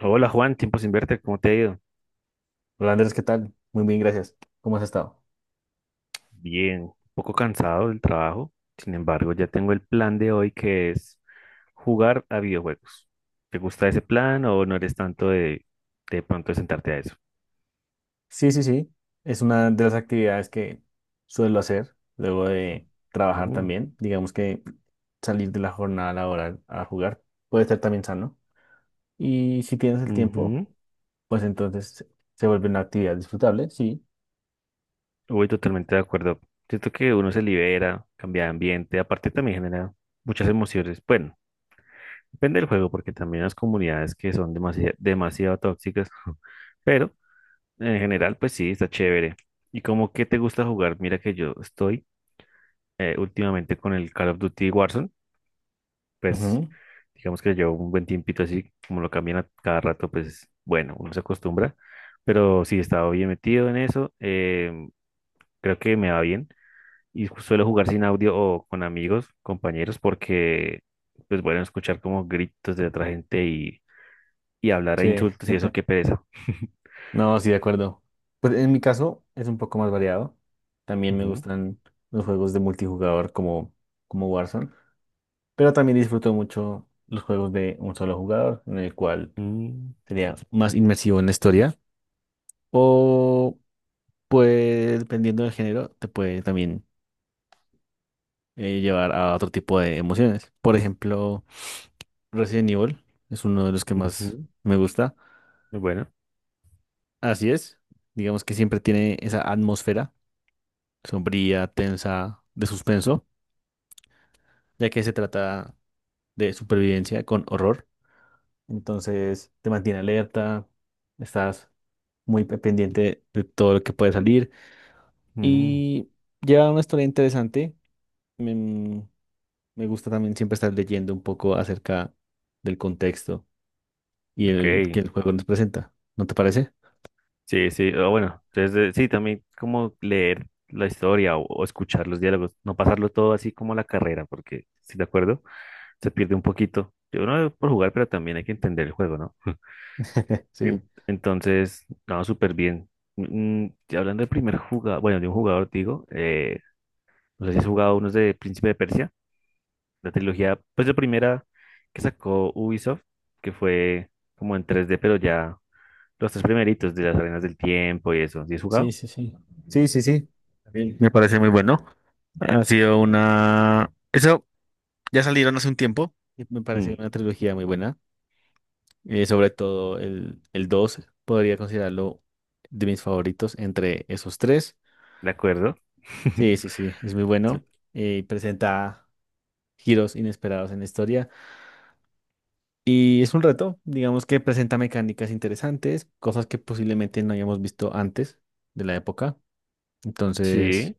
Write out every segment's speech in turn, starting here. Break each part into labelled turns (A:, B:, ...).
A: Hola Juan, tiempo sin verte, ¿cómo te ha ido?
B: Hola Andrés, ¿qué tal? Muy bien, gracias. ¿Cómo has estado?
A: Bien, un poco cansado del trabajo, sin embargo ya tengo el plan de hoy que es jugar a videojuegos. ¿Te gusta ese plan o no eres tanto de pronto de sentarte a eso?
B: Sí, sí, sí. Es una de las actividades que suelo hacer luego de trabajar
A: Mm.
B: también. Digamos que salir de la jornada laboral a jugar puede ser también sano. Y si tienes el tiempo,
A: Ujú.
B: pues entonces se vuelve una actividad disfrutable, sí.
A: Voy totalmente de acuerdo. Siento que uno se libera, cambia de ambiente, aparte también genera muchas emociones. Bueno, depende del juego porque también las comunidades que son demasiado, demasiado tóxicas. Pero en general, pues sí, está chévere. ¿Y cómo que te gusta jugar? Mira que yo estoy, últimamente, con el Call of Duty Warzone. Pues
B: Ujú.
A: digamos que llevo un buen tiempito así, como lo cambian a cada rato, pues bueno, uno se acostumbra, pero sí, he estado bien metido en eso, creo que me va bien, y suelo jugar sin audio o con amigos, compañeros, porque pues bueno, escuchar como gritos de otra gente y hablar a
B: Sí,
A: insultos y eso, qué pereza.
B: no, sí, de acuerdo. Pues en mi caso es un poco más variado. También me
A: Ujú.
B: gustan los juegos de multijugador como Warzone. Pero también disfruto mucho los juegos de un solo jugador, en el cual
A: Mm.
B: sería más inmersivo en la historia. O pues, dependiendo del género, te puede también llevar a otro tipo de emociones. Por ejemplo, Resident Evil es uno de los que más
A: Ujú.
B: me gusta.
A: Bueno.
B: Así es. Digamos que siempre tiene esa atmósfera sombría, tensa, de suspenso, ya que se trata de supervivencia con horror. Entonces, te mantiene alerta, estás pendiente de todo lo que puede salir. Y lleva una historia interesante. Me, me gusta también siempre estar leyendo un poco acerca del contexto y
A: Ok,
B: el que el juego nos presenta. ¿No te parece?
A: sí, sí, o bueno, entonces, sí, también como leer la historia o escuchar los diálogos, no pasarlo todo así como a la carrera, porque, si de acuerdo, se pierde un poquito. Yo no por jugar, pero también hay que entender el juego, ¿no?
B: Sí.
A: Entonces, no, súper bien. Y hablando del primer jugador, bueno, de un jugador, digo, no sé si has jugado unos de Príncipe de Persia, la trilogía, pues la primera que sacó Ubisoft, que fue como en tres d, pero ya los tres primeritos, de las arenas del tiempo y eso. ¿Sí has
B: Sí,
A: jugado?
B: sí, sí. Sí, sí, sí. También me parece muy bueno. Ha sido una... eso ya salieron hace un tiempo, y me pareció
A: Mm,
B: una trilogía muy buena. Sobre todo el 2 podría considerarlo de mis favoritos entre esos tres.
A: ¿de acuerdo?
B: Sí, sí, sí, es muy bueno. Presenta giros inesperados en la historia y es un reto, digamos que presenta mecánicas interesantes, cosas que posiblemente no hayamos visto antes de la época. Entonces,
A: Sí,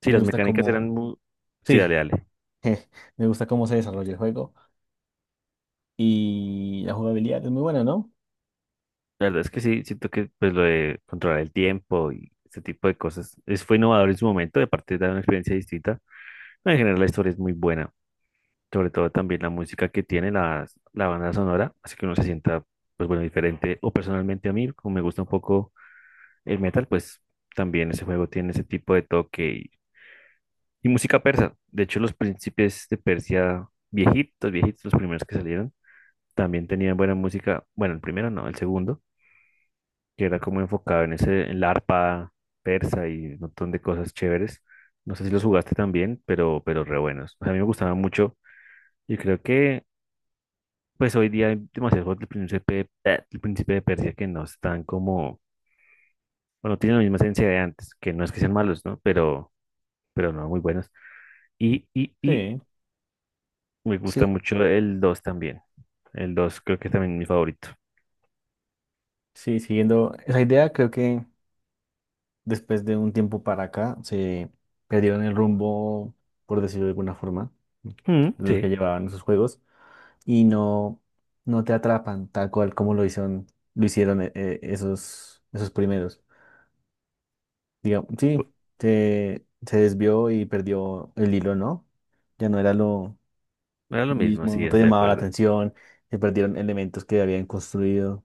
A: sí,
B: me
A: las
B: gusta
A: mecánicas
B: cómo,
A: eran muy. Sí,
B: sí,
A: dale, dale.
B: me gusta cómo se desarrolla el juego y la jugabilidad es muy buena, ¿no?
A: La verdad es que sí, siento que pues lo de controlar el tiempo y ese tipo de cosas es, fue innovador en su momento, de parte de una experiencia distinta. En general la historia es muy buena, sobre todo también la música que tiene, la banda sonora, así que uno se sienta pues bueno, diferente. O personalmente a mí, como me gusta un poco el metal, pues también ese juego tiene ese tipo de toque y música persa. De hecho, los príncipes de Persia viejitos, viejitos, los primeros que salieron, también tenían buena música. Bueno, el primero no, el segundo, que era como enfocado en ese, en la arpa persa y un montón de cosas chéveres. No sé si los jugaste también, pero re buenos. O sea, a mí me gustaban mucho. Y creo que, pues hoy día hay demasiados juegos del príncipe de Persia, que no están como, bueno, tienen la misma esencia de antes, que no es que sean malos, ¿no? Pero no, muy buenos. Y
B: Sí.
A: me gusta
B: Sí,
A: mucho el 2 también. El 2 creo que es también mi favorito.
B: sí, siguiendo esa idea, creo que después de un tiempo para acá se perdieron el rumbo, por decirlo de alguna forma,
A: Mm,
B: de lo que
A: sí,
B: llevaban esos juegos. y no, no te atrapan tal cual como lo hicieron esos primeros. Digamos, sí,
A: pu-
B: se desvió y perdió el hilo, ¿no? Ya no era lo
A: era lo mismo,
B: mismo,
A: sí,
B: no te
A: estoy de
B: llamaba la
A: acuerdo.
B: atención, se perdieron elementos que habían construido.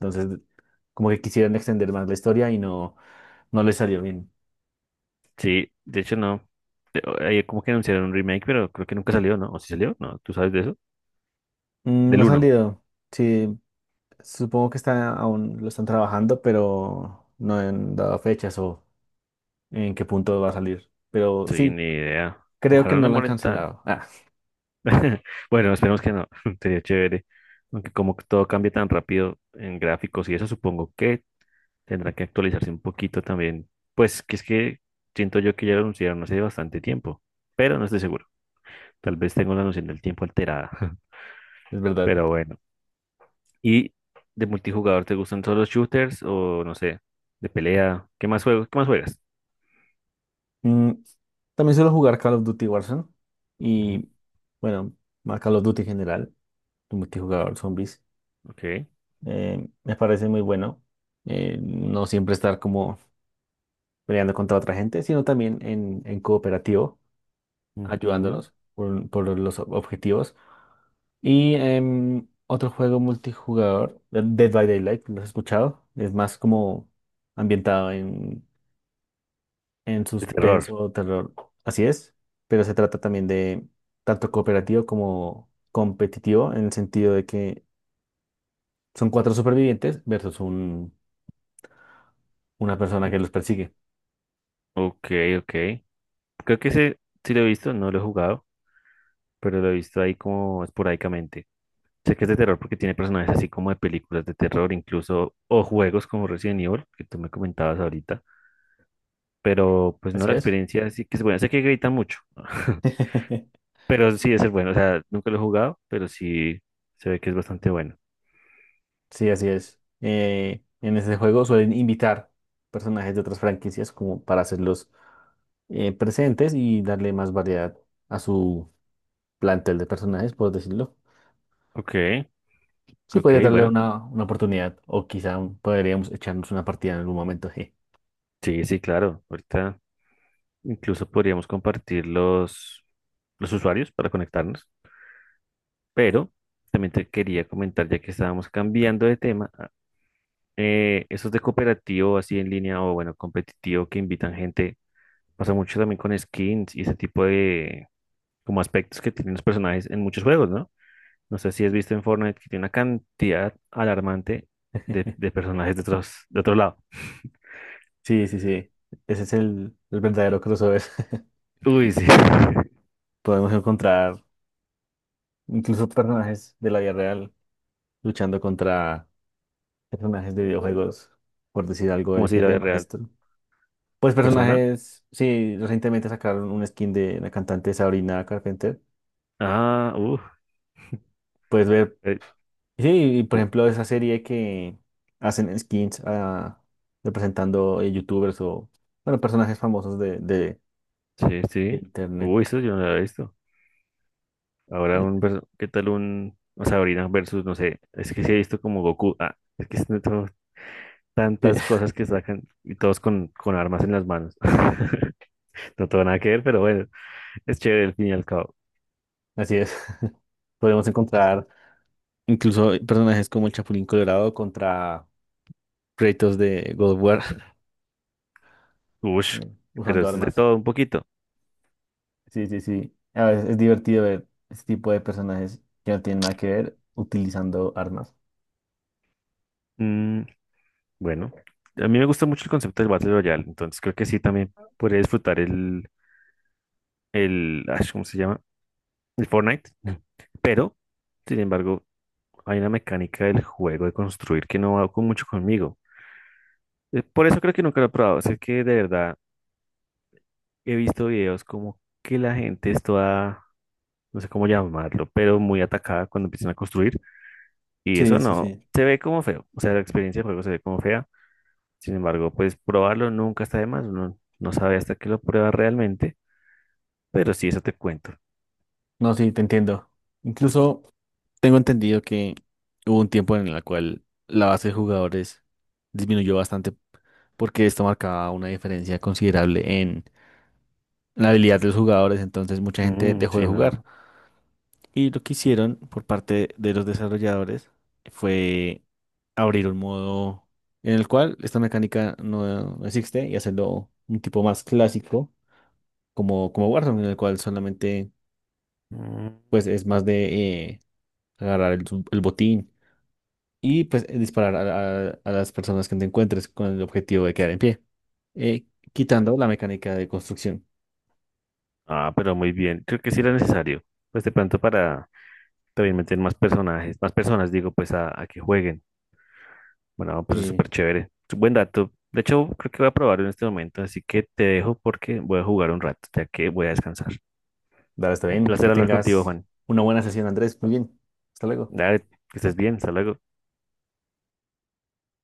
B: Entonces, como que quisieron extender más la historia y no les salió bien.
A: Sí, de hecho no. Ahí como que anunciaron un remake, pero creo que nunca salió, ¿no? ¿O si salió? No, ¿tú sabes de eso?
B: Mm,
A: Del
B: no ha
A: uno.
B: salido. Sí, supongo que está, aún lo están trabajando, pero no han dado fechas o en qué punto va a salir. Pero
A: Sí,
B: sí,
A: ni idea.
B: creo que
A: Ojalá no
B: no lo han
A: demoren tan.
B: cancelado. Ah,
A: Bueno, esperemos que no. Sería chévere. Aunque como que todo cambia tan rápido en gráficos y eso, supongo que tendrá que actualizarse un poquito también. Pues que es que siento yo que ya lo anunciaron hace bastante tiempo, pero no estoy seguro. Tal vez tengo la noción del tiempo alterada.
B: es verdad.
A: Pero bueno. Y de multijugador, ¿te gustan solo shooters o no sé, de pelea? ¿Qué más juegos? ¿Qué más juegas?
B: Mm, También suelo jugar Call of Duty Warzone
A: Ujú.
B: y bueno, más Call of Duty en general, el multijugador zombies.
A: Ok.
B: Me parece muy bueno no siempre estar como peleando contra otra gente, sino también en cooperativo,
A: Ujú.
B: ayudándonos por los objetivos. Y otro juego multijugador, Dead by Daylight, ¿lo has escuchado? Es más como ambientado en
A: De terror.
B: suspenso o terror. Así es, pero se trata también de tanto cooperativo como competitivo en el sentido de que son cuatro supervivientes versus una persona que los persigue.
A: Ok, ok. Creo que ese sí lo he visto, no lo he jugado, pero lo he visto ahí como esporádicamente. Sé que es de terror porque tiene personajes así como de películas de terror, incluso, o juegos como Resident Evil, que tú me comentabas ahorita, pero pues no,
B: Así
A: la
B: es.
A: experiencia sí que es buena. Sé que gritan mucho. Pero sí es el bueno, o sea, nunca lo he jugado, pero sí se ve que es bastante bueno.
B: Sí, así es. En este juego suelen invitar personajes de otras franquicias como para hacerlos presentes y darle más variedad a su plantel de personajes, por decirlo.
A: Ok,
B: Sí,
A: ok,
B: podría darle
A: bueno,
B: una oportunidad o quizá podríamos echarnos una partida en algún momento.
A: sí, sí, claro. Ahorita incluso podríamos compartir los usuarios para conectarnos, pero también te quería comentar, ya que estábamos cambiando de tema, esos de cooperativo así en línea o, bueno, competitivo, que invitan gente, pasa mucho también con skins y ese tipo de como aspectos que tienen los personajes en muchos juegos, ¿no? No sé si has visto en Fortnite que tiene una cantidad alarmante de personajes de otros, de otro lado.
B: Sí, sí, sí. Ese es el verdadero crossover.
A: Uy, sí.
B: Podemos encontrar incluso personajes de la vida real luchando contra personajes de videojuegos, por decir algo,
A: Como
B: el
A: si la
B: jefe
A: vida real.
B: maestro. Pues
A: Persona.
B: personajes, sí, recientemente sacaron un skin de la cantante Sabrina Carpenter.
A: Ah, uff.
B: Puedes ver, sí, y por ejemplo, esa serie que hacen skins ah, representando youtubers o bueno, personajes famosos
A: Sí,
B: de
A: sí.
B: internet.
A: Uy, eso yo no lo había visto. Ahora
B: Eh,
A: un ¿qué tal un o Sabrina versus, no sé, es que sí he visto como Goku? Ah, es que son
B: Sí,
A: tantas cosas que sacan y todos con armas en las manos. No tengo nada que ver, pero bueno, es chévere al fin y al cabo.
B: así es. Podemos encontrar incluso hay personajes como el Chapulín Colorado contra Kratos de God of War
A: Ush, pero
B: usando
A: es de
B: armas.
A: todo un poquito.
B: Sí, sí, sí. A veces es divertido ver este tipo de personajes que no tienen nada que ver utilizando armas.
A: Mm, Bueno, a mí me gusta mucho el concepto del Battle Royale, entonces creo que sí también podría disfrutar el, ¿cómo se llama? El Fortnite. Pero, sin embargo, hay una mecánica del juego de construir que no va con mucho conmigo. Por eso creo que nunca lo he probado. Sé que de verdad he visto videos como que la gente es toda, no sé cómo llamarlo, pero muy atacada cuando empiezan a construir, y
B: Sí,
A: eso
B: sí,
A: no,
B: sí.
A: se ve como feo. O sea, la experiencia de juego se ve como fea. Sin embargo, pues probarlo nunca está de más, uno no sabe hasta que lo prueba realmente. Pero sí, eso te cuento.
B: No, sí, te entiendo. Incluso tengo entendido que hubo un tiempo en el cual la base de jugadores disminuyó bastante porque esto marcaba una diferencia considerable en la habilidad de los jugadores, entonces mucha gente
A: Mm,
B: dejó de
A: sí,
B: jugar.
A: no.
B: Y lo que hicieron por parte de los desarrolladores fue abrir un modo en el cual esta mecánica no existe y hacerlo un tipo más clásico como Warzone, en el cual solamente
A: Mm.
B: pues es más de agarrar el botín y pues disparar a las personas que te encuentres con el objetivo de quedar en pie, eh, quitando la mecánica de construcción.
A: Ah, pero muy bien. Creo que sí era necesario. Pues de pronto para también meter más personajes, más personas, digo, pues a que jueguen. Bueno, pues es
B: Sí,
A: súper chévere. Es un buen dato. De hecho, creo que voy a probarlo en este momento, así que te dejo porque voy a jugar un rato, ya que voy a descansar.
B: dale, está
A: Un
B: bien. Que
A: placer hablar contigo,
B: tengas
A: Juan.
B: una buena sesión, Andrés. Muy bien. Hasta luego.
A: Dale, que estés bien. Hasta luego.